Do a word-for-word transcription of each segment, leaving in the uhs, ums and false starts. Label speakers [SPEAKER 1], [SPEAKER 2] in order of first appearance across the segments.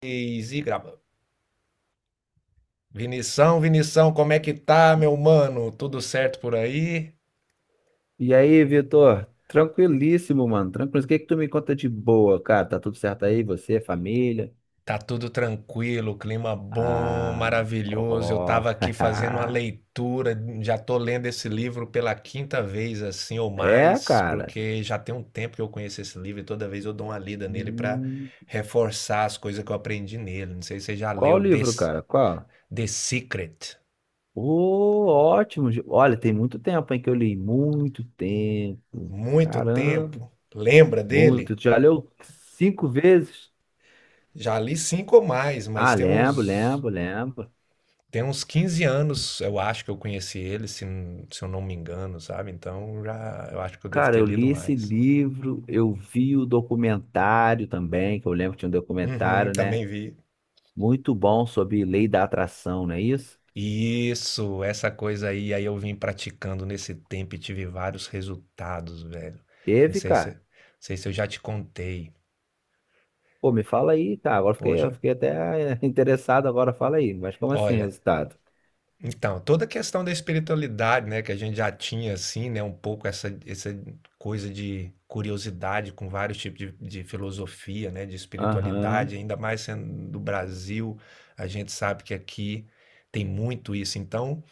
[SPEAKER 1] E grava. Vinição, Vinição, como é que tá, meu mano? Tudo certo por aí?
[SPEAKER 2] E aí, Vitor? Tranquilíssimo, mano. Tranquilo. O que que tu me conta de boa, cara? Tá tudo certo aí? Você, família?
[SPEAKER 1] Tá tudo tranquilo, clima bom,
[SPEAKER 2] Ah,
[SPEAKER 1] maravilhoso. Eu
[SPEAKER 2] ó.
[SPEAKER 1] tava aqui fazendo uma leitura, já tô lendo esse livro pela quinta vez, assim ou
[SPEAKER 2] É,
[SPEAKER 1] mais,
[SPEAKER 2] cara.
[SPEAKER 1] porque já tem um tempo que eu conheço esse livro e toda vez eu dou uma lida nele pra
[SPEAKER 2] Hum,
[SPEAKER 1] reforçar as coisas que eu aprendi nele. Não sei se você já
[SPEAKER 2] Qual o
[SPEAKER 1] leu The,
[SPEAKER 2] livro, cara? Qual?
[SPEAKER 1] The Secret.
[SPEAKER 2] Ô, ótimo. Gi- Olha, tem muito tempo, hein, que eu li. Muito tempo.
[SPEAKER 1] Muito
[SPEAKER 2] Caramba,
[SPEAKER 1] tempo. Lembra
[SPEAKER 2] muito.
[SPEAKER 1] dele?
[SPEAKER 2] Tu já leu cinco vezes?
[SPEAKER 1] Já li cinco ou mais, mas
[SPEAKER 2] Ah,
[SPEAKER 1] tem
[SPEAKER 2] lembro,
[SPEAKER 1] uns
[SPEAKER 2] lembro, lembro.
[SPEAKER 1] Tem uns quinze anos, eu acho que eu conheci ele, se, n- se eu não me engano, sabe? Então já eu acho que eu devo
[SPEAKER 2] Cara,
[SPEAKER 1] ter
[SPEAKER 2] eu
[SPEAKER 1] lido
[SPEAKER 2] li esse
[SPEAKER 1] mais.
[SPEAKER 2] livro, eu vi o documentário também, que eu lembro que tinha um
[SPEAKER 1] Uhum,
[SPEAKER 2] documentário, né?
[SPEAKER 1] também vi.
[SPEAKER 2] Muito bom sobre lei da atração, não é isso?
[SPEAKER 1] Isso, essa coisa aí, aí eu vim praticando nesse tempo e tive vários resultados, velho. Não
[SPEAKER 2] Teve,
[SPEAKER 1] sei se,
[SPEAKER 2] cara.
[SPEAKER 1] não sei se eu já te contei.
[SPEAKER 2] Pô, me fala aí, cara. Agora eu fiquei,
[SPEAKER 1] Poxa,
[SPEAKER 2] eu fiquei até eh, interessado, agora fala aí. Mas como assim,
[SPEAKER 1] olha.
[SPEAKER 2] resultado?
[SPEAKER 1] Então, toda a questão da espiritualidade, né, que a gente já tinha assim, né, um pouco essa essa coisa de curiosidade com vários tipos de de filosofia, né, de
[SPEAKER 2] Aham,
[SPEAKER 1] espiritualidade, ainda mais sendo do Brasil, a gente sabe que aqui tem muito isso. Então,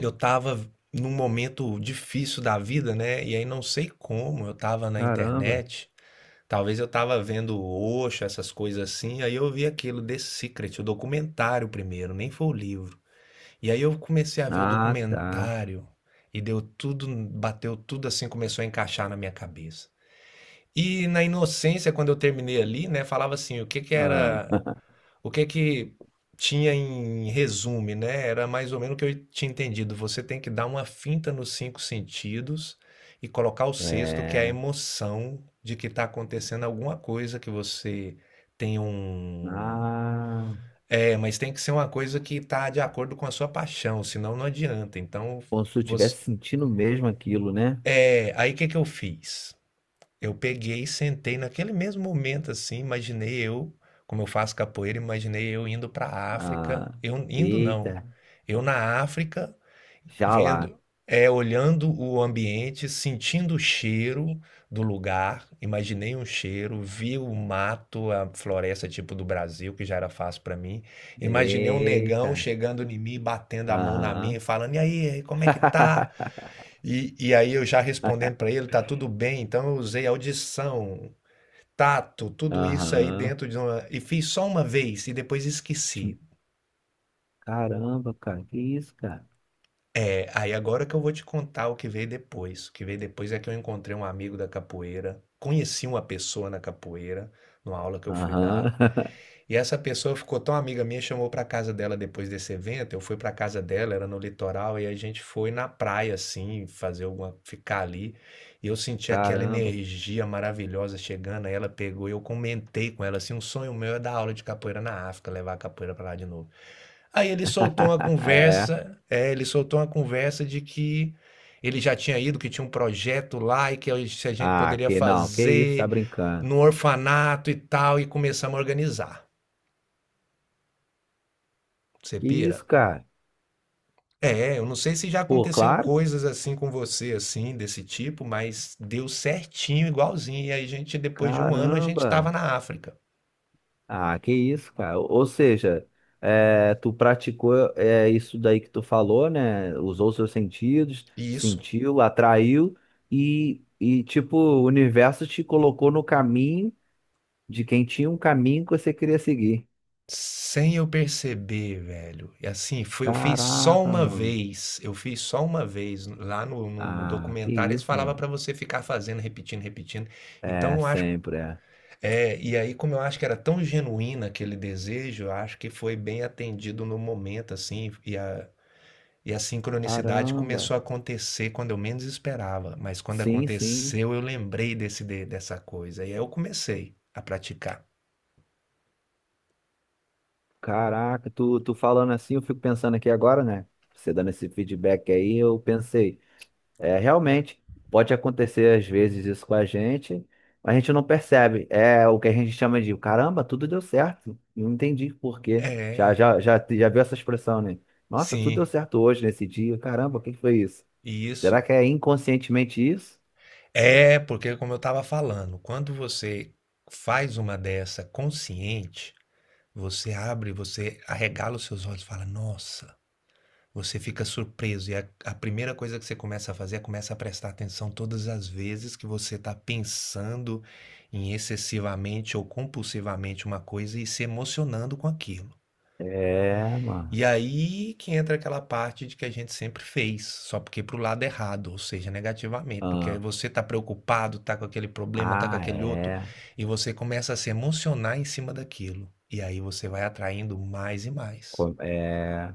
[SPEAKER 1] eu estava num momento difícil da vida, né, e aí não sei como, eu estava na
[SPEAKER 2] caramba.
[SPEAKER 1] internet, talvez eu estava vendo o Osho, essas coisas assim, aí eu vi aquilo The Secret, o documentário primeiro, nem foi o livro. E aí eu comecei a ver o
[SPEAKER 2] Ah, tá.
[SPEAKER 1] documentário e deu tudo, bateu tudo assim, começou a encaixar na minha cabeça. E na inocência, quando eu terminei ali, né, falava assim, o que que
[SPEAKER 2] Ah,
[SPEAKER 1] era, o que que tinha em resumo, né? Era mais ou menos o que eu tinha entendido. Você tem que dar uma finta nos cinco sentidos e colocar o sexto, que é a
[SPEAKER 2] é.
[SPEAKER 1] emoção de que está acontecendo alguma coisa que você tem um,
[SPEAKER 2] Ah,
[SPEAKER 1] é, mas tem que ser uma coisa que tá de acordo com a sua paixão, senão não adianta. Então,
[SPEAKER 2] como se eu
[SPEAKER 1] você...
[SPEAKER 2] estivesse sentindo mesmo aquilo, né?
[SPEAKER 1] É, aí o que que eu fiz? Eu peguei e sentei naquele mesmo momento, assim, imaginei eu, como eu faço capoeira, imaginei eu indo pra África.
[SPEAKER 2] Ah,
[SPEAKER 1] Eu indo não.
[SPEAKER 2] eita,
[SPEAKER 1] Eu na África,
[SPEAKER 2] já lá.
[SPEAKER 1] vendo é olhando o ambiente, sentindo o cheiro do lugar. Imaginei um cheiro, vi o mato, a floresta tipo do Brasil, que já era fácil para mim. Imaginei um negão
[SPEAKER 2] Eita.
[SPEAKER 1] chegando em mim, batendo a mão na minha,
[SPEAKER 2] Aham.
[SPEAKER 1] e falando: "E aí, como é que tá?" E, e aí eu já respondendo para ele: "Tá tudo bem". Então eu usei audição, tato, tudo isso aí
[SPEAKER 2] Aham.
[SPEAKER 1] dentro de uma e fiz só uma vez e depois
[SPEAKER 2] Tinha
[SPEAKER 1] esqueci.
[SPEAKER 2] um- Caramba, cara. Que isso, cara?
[SPEAKER 1] É, aí agora que eu vou te contar o que veio depois. O que veio depois é que eu encontrei um amigo da capoeira, conheci uma pessoa na capoeira, numa aula que eu fui
[SPEAKER 2] Aham.
[SPEAKER 1] dar, e essa pessoa ficou tão amiga minha, chamou para casa dela depois desse evento. Eu fui para casa dela, era no litoral, e a gente foi na praia assim, fazer alguma, ficar ali. E eu senti aquela
[SPEAKER 2] Caramba.
[SPEAKER 1] energia maravilhosa chegando, aí ela pegou e eu comentei com ela assim, um sonho meu é dar aula de capoeira na África, levar a capoeira para lá de novo. Aí ele soltou uma
[SPEAKER 2] É.
[SPEAKER 1] conversa, é, ele soltou uma conversa de que ele já tinha ido, que tinha um projeto lá e que a gente a gente
[SPEAKER 2] Ah,
[SPEAKER 1] poderia
[SPEAKER 2] que não. Que isso, tá
[SPEAKER 1] fazer
[SPEAKER 2] brincando?
[SPEAKER 1] no orfanato e tal, e começamos a organizar. Você
[SPEAKER 2] Que isso,
[SPEAKER 1] pira?
[SPEAKER 2] cara?
[SPEAKER 1] É, eu não sei se já
[SPEAKER 2] Pô,
[SPEAKER 1] aconteceu
[SPEAKER 2] claro.
[SPEAKER 1] coisas assim com você, assim, desse tipo, mas deu certinho, igualzinho. E aí a gente, depois de um ano, a gente estava
[SPEAKER 2] Caramba.
[SPEAKER 1] na África.
[SPEAKER 2] Ah, que isso, cara. Ou ou seja, é, tu praticou é, isso daí que tu falou, né? Usou seus sentidos,
[SPEAKER 1] Isso.
[SPEAKER 2] sentiu, atraiu e, e tipo, o universo te colocou no caminho de quem tinha um caminho que você queria seguir.
[SPEAKER 1] Sem eu perceber, velho. E assim, foi eu fiz só
[SPEAKER 2] Caraca,
[SPEAKER 1] uma
[SPEAKER 2] mano.
[SPEAKER 1] vez, eu fiz só uma vez. Lá no no no
[SPEAKER 2] Ah, que
[SPEAKER 1] documentário eles
[SPEAKER 2] isso,
[SPEAKER 1] falava pra
[SPEAKER 2] mano.
[SPEAKER 1] você ficar fazendo, repetindo, repetindo. Então
[SPEAKER 2] É,
[SPEAKER 1] eu acho
[SPEAKER 2] sempre é.
[SPEAKER 1] é, e aí como eu acho que era tão genuíno aquele desejo, eu acho que foi bem atendido no momento, assim, e a e a sincronicidade
[SPEAKER 2] Caramba.
[SPEAKER 1] começou a acontecer quando eu menos esperava, mas quando
[SPEAKER 2] Sim, sim.
[SPEAKER 1] aconteceu eu lembrei desse de dessa coisa, e aí eu comecei a praticar.
[SPEAKER 2] Caraca, tu, tu falando assim, eu fico pensando aqui agora, né? Você dando esse feedback aí, eu pensei, é, realmente, pode acontecer às vezes isso com a gente, mas a gente não percebe. É o que a gente chama de, caramba, tudo deu certo. Não entendi por quê. Já,
[SPEAKER 1] É,
[SPEAKER 2] já, já, já viu essa expressão, né? Nossa, tudo
[SPEAKER 1] sim,
[SPEAKER 2] deu certo hoje, nesse dia. Caramba, o que que foi isso?
[SPEAKER 1] e
[SPEAKER 2] Será
[SPEAKER 1] isso.
[SPEAKER 2] que é inconscientemente isso?
[SPEAKER 1] É, porque como eu estava falando, quando você faz uma dessa consciente, você abre, você arregala os seus olhos e fala, nossa, você fica surpreso. E a, a primeira coisa que você começa a fazer é começa a prestar atenção todas as vezes que você está pensando em excessivamente ou compulsivamente uma coisa e se emocionando com aquilo.
[SPEAKER 2] É,
[SPEAKER 1] E
[SPEAKER 2] mano.
[SPEAKER 1] aí que entra aquela parte de que a gente sempre fez, só porque pro lado errado, ou seja, negativamente, porque aí
[SPEAKER 2] Ah,
[SPEAKER 1] você tá preocupado, tá com aquele problema, tá com
[SPEAKER 2] ah,
[SPEAKER 1] aquele outro,
[SPEAKER 2] é.
[SPEAKER 1] e você começa a se emocionar em cima daquilo. E aí você vai atraindo mais e mais.
[SPEAKER 2] Co- É.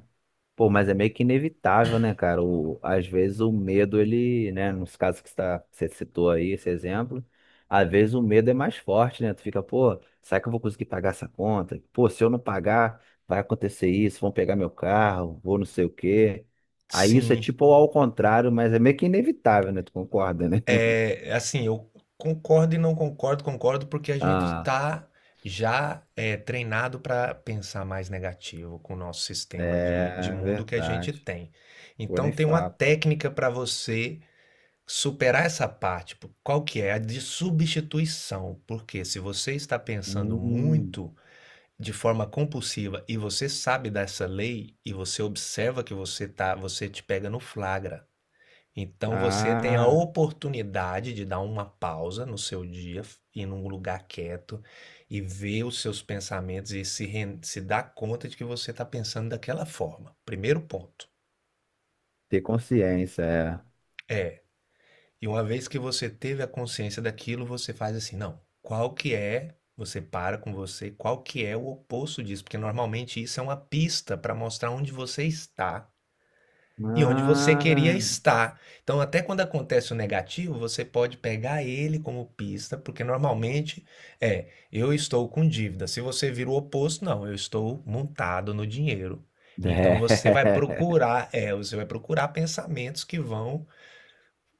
[SPEAKER 2] Pô, mas é meio que inevitável, né, cara? O, às vezes o medo, ele, né, nos casos que você, tá- que você citou aí, esse exemplo, às vezes o medo é mais forte, né? Tu fica, pô, será que eu vou conseguir pagar essa conta? Pô, se eu não pagar, vai acontecer isso, vão pegar meu carro, vou não sei o quê. Aí isso é
[SPEAKER 1] Sim,
[SPEAKER 2] tipo ao contrário, mas é meio que inevitável, né? Tu concorda, né?
[SPEAKER 1] é assim, eu concordo e não concordo, concordo porque a gente
[SPEAKER 2] Ah,
[SPEAKER 1] tá já é, treinado para pensar mais negativo com o nosso sistema de, de
[SPEAKER 2] é
[SPEAKER 1] mundo que a gente
[SPEAKER 2] verdade.
[SPEAKER 1] tem.
[SPEAKER 2] Pô,
[SPEAKER 1] Então
[SPEAKER 2] nem
[SPEAKER 1] tem uma
[SPEAKER 2] falo.
[SPEAKER 1] técnica para você Superar essa parte, po- qual que é? A de substituição. Porque se você está pensando
[SPEAKER 2] Hum.
[SPEAKER 1] muito de forma compulsiva e você sabe dessa lei e você observa que você tá, você te pega no flagra. Então você tem a
[SPEAKER 2] Ah,
[SPEAKER 1] oportunidade de dar uma pausa no seu dia, f- ir num lugar quieto e ver os seus pensamentos e se, ren- se dar conta de que você está pensando daquela forma. Primeiro ponto.
[SPEAKER 2] ter consciência, é.
[SPEAKER 1] É, e uma vez que você teve a consciência daquilo, você faz assim, não, qual que é, você para com você, qual que é o oposto disso, porque normalmente isso é uma pista para mostrar onde você está e onde você queria
[SPEAKER 2] Ah,
[SPEAKER 1] estar. Então, até quando acontece o negativo, você pode pegar ele como pista, porque normalmente é, eu estou com dívida. Se você vira o oposto, não, eu estou montado no dinheiro. Então você vai
[SPEAKER 2] é.
[SPEAKER 1] procurar, é, você vai procurar pensamentos que vão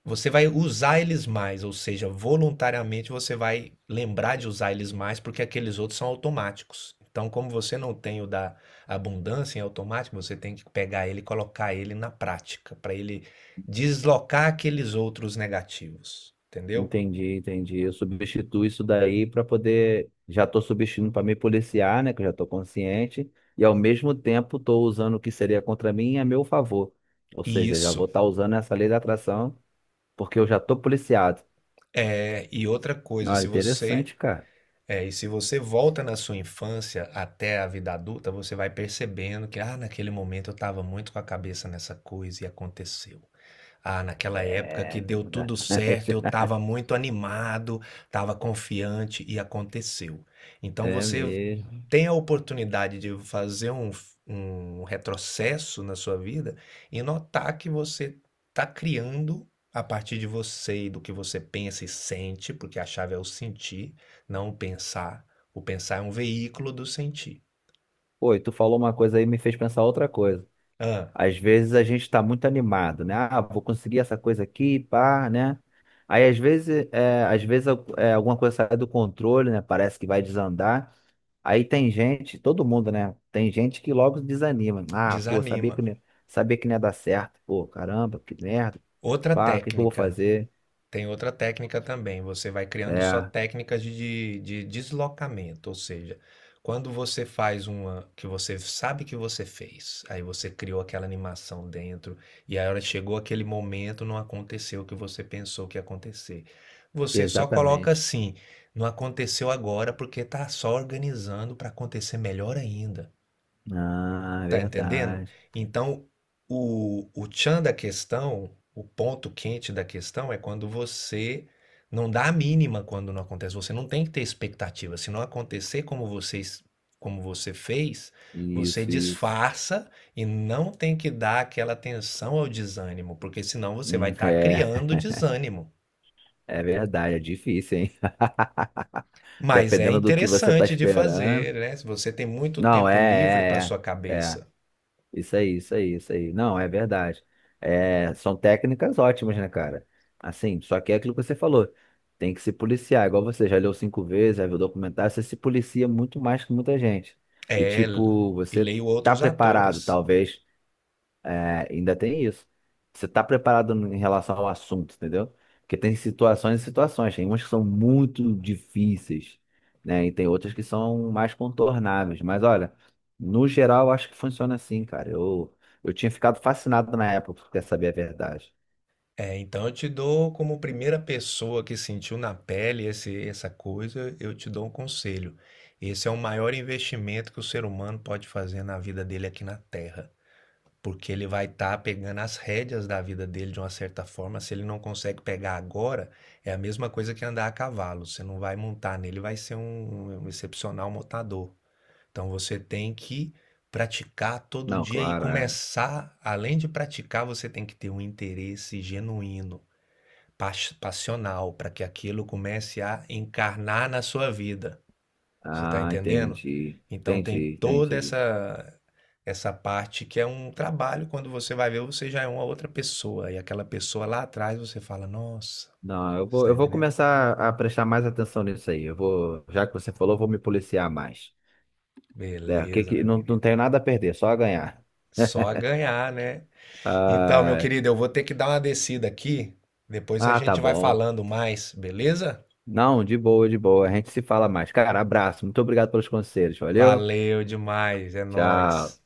[SPEAKER 1] você vai usar eles mais, ou seja, voluntariamente você vai lembrar de usar eles mais, porque aqueles outros são automáticos. Então, como você não tem o da abundância em automático, você tem que pegar ele e colocar ele na prática, para ele deslocar aqueles outros negativos, entendeu?
[SPEAKER 2] Entendi, entendi. Eu substituo isso daí para poder. Já estou substituindo para me policiar, né? Que eu já estou consciente. E ao mesmo tempo estou usando o que seria contra mim a meu favor. Ou
[SPEAKER 1] E
[SPEAKER 2] seja, já vou
[SPEAKER 1] isso
[SPEAKER 2] estar usando essa lei da atração porque eu já estou policiado.
[SPEAKER 1] é e outra coisa,
[SPEAKER 2] Olha,
[SPEAKER 1] se você
[SPEAKER 2] interessante, cara.
[SPEAKER 1] é, e se você volta na sua infância até a vida adulta, você vai percebendo que ah, naquele momento eu estava muito com a cabeça nessa coisa e aconteceu. Ah, naquela época que
[SPEAKER 2] É
[SPEAKER 1] deu tudo certo, eu
[SPEAKER 2] verdade.
[SPEAKER 1] estava muito animado, estava confiante e aconteceu. Então
[SPEAKER 2] É
[SPEAKER 1] você
[SPEAKER 2] mesmo.
[SPEAKER 1] tem a oportunidade de fazer um, um retrocesso na sua vida e notar que você está criando a partir de você e do que você pensa e sente, porque a chave é o sentir, não o pensar. O pensar é um veículo do sentir.
[SPEAKER 2] Pô, e tu falou uma coisa aí e me fez pensar outra coisa.
[SPEAKER 1] Ah,
[SPEAKER 2] Às vezes a gente está muito animado, né? Ah, vou conseguir essa coisa aqui, pá, né? Aí às vezes, é, às vezes al- é, alguma coisa sai do controle, né? Parece que vai desandar. Aí tem gente, todo mundo, né? Tem gente que logo desanima. Ah, pô, sabia
[SPEAKER 1] desanima.
[SPEAKER 2] que, não ia- sabia que não ia dar certo. Pô, caramba, que merda.
[SPEAKER 1] Outra
[SPEAKER 2] Pá, o que que eu vou
[SPEAKER 1] técnica
[SPEAKER 2] fazer?
[SPEAKER 1] Tem outra técnica também, você vai criando só
[SPEAKER 2] É,
[SPEAKER 1] técnicas de de deslocamento, ou seja, quando você faz uma que você sabe que você fez, aí você criou aquela animação dentro, e aí a hora chegou aquele momento, não aconteceu o que você pensou que ia acontecer. Você só coloca
[SPEAKER 2] exatamente.
[SPEAKER 1] assim: "Não aconteceu agora, porque tá só organizando para acontecer melhor ainda".
[SPEAKER 2] Ah, é
[SPEAKER 1] Tá entendendo?
[SPEAKER 2] verdade.
[SPEAKER 1] Então, o, o tchan da questão, o ponto quente da questão é quando você não dá a mínima quando não acontece. Você não tem que ter expectativa. Se não acontecer como você, como você fez, você
[SPEAKER 2] Isso, isso.
[SPEAKER 1] disfarça e não tem que dar aquela atenção ao desânimo, porque senão você vai
[SPEAKER 2] Hum,
[SPEAKER 1] estar
[SPEAKER 2] é,
[SPEAKER 1] criando desânimo.
[SPEAKER 2] é verdade, é difícil, hein?
[SPEAKER 1] Mas é
[SPEAKER 2] Dependendo do que você tá
[SPEAKER 1] interessante de
[SPEAKER 2] esperando.
[SPEAKER 1] fazer, né? Se você tem muito
[SPEAKER 2] Não,
[SPEAKER 1] tempo livre para
[SPEAKER 2] é,
[SPEAKER 1] sua
[SPEAKER 2] é, é, é.
[SPEAKER 1] cabeça.
[SPEAKER 2] Isso aí, isso aí, isso aí. Não, é verdade. É, são técnicas ótimas, né, cara? Assim, só que é aquilo que você falou. Tem que se policiar. Igual você já leu cinco vezes, já viu documentário, você se policia muito mais que muita gente. E,
[SPEAKER 1] É,
[SPEAKER 2] tipo,
[SPEAKER 1] e
[SPEAKER 2] você
[SPEAKER 1] leio
[SPEAKER 2] tá
[SPEAKER 1] outros atores.
[SPEAKER 2] preparado, talvez. É, ainda tem isso. Você tá preparado em relação ao assunto, entendeu? Porque tem situações e situações. Tem umas que são muito difíceis, né? E tem outras que são mais contornáveis. Mas olha, no geral, eu acho que funciona assim, cara. Eu, eu tinha ficado fascinado na época, porque quer saber a verdade.
[SPEAKER 1] É, então eu te dou como primeira pessoa que sentiu na pele esse, essa coisa, eu te dou um conselho. Esse é o maior investimento que o ser humano pode fazer na vida dele aqui na Terra, porque ele vai estar pegando as rédeas da vida dele de uma certa forma. Se ele não consegue pegar agora, é a mesma coisa que andar a cavalo. Você não vai montar nele, vai ser um, um excepcional montador. Então você tem que praticar todo
[SPEAKER 2] Não,
[SPEAKER 1] dia e
[SPEAKER 2] claro, é.
[SPEAKER 1] começar, além de praticar, você tem que ter um interesse genuíno pas passional, para que aquilo comece a encarnar na sua vida. Você está
[SPEAKER 2] Ah,
[SPEAKER 1] entendendo?
[SPEAKER 2] entendi.
[SPEAKER 1] Então tem
[SPEAKER 2] Entendi,
[SPEAKER 1] toda
[SPEAKER 2] entendi.
[SPEAKER 1] essa essa parte que é um trabalho, quando você vai ver, você já é uma outra pessoa. E aquela pessoa lá atrás, você fala, nossa,
[SPEAKER 2] Não, eu
[SPEAKER 1] você
[SPEAKER 2] vou,
[SPEAKER 1] está
[SPEAKER 2] eu vou
[SPEAKER 1] entendendo?
[SPEAKER 2] começar a prestar mais atenção nisso aí. Eu vou, já que você falou, eu vou me policiar mais. É, o que
[SPEAKER 1] Beleza,
[SPEAKER 2] que,
[SPEAKER 1] meu
[SPEAKER 2] não, não
[SPEAKER 1] querido.
[SPEAKER 2] tenho nada a perder, só a ganhar.
[SPEAKER 1] Só a ganhar, né? Então, meu
[SPEAKER 2] ah
[SPEAKER 1] querido, eu vou ter que dar uma descida aqui. Depois a
[SPEAKER 2] Ah, tá
[SPEAKER 1] gente vai
[SPEAKER 2] bom.
[SPEAKER 1] falando mais, beleza?
[SPEAKER 2] Não, de boa, de boa. A gente se fala mais. Cara, abraço. Muito obrigado pelos conselhos. Valeu?
[SPEAKER 1] Valeu demais, é nóis.
[SPEAKER 2] Tchau.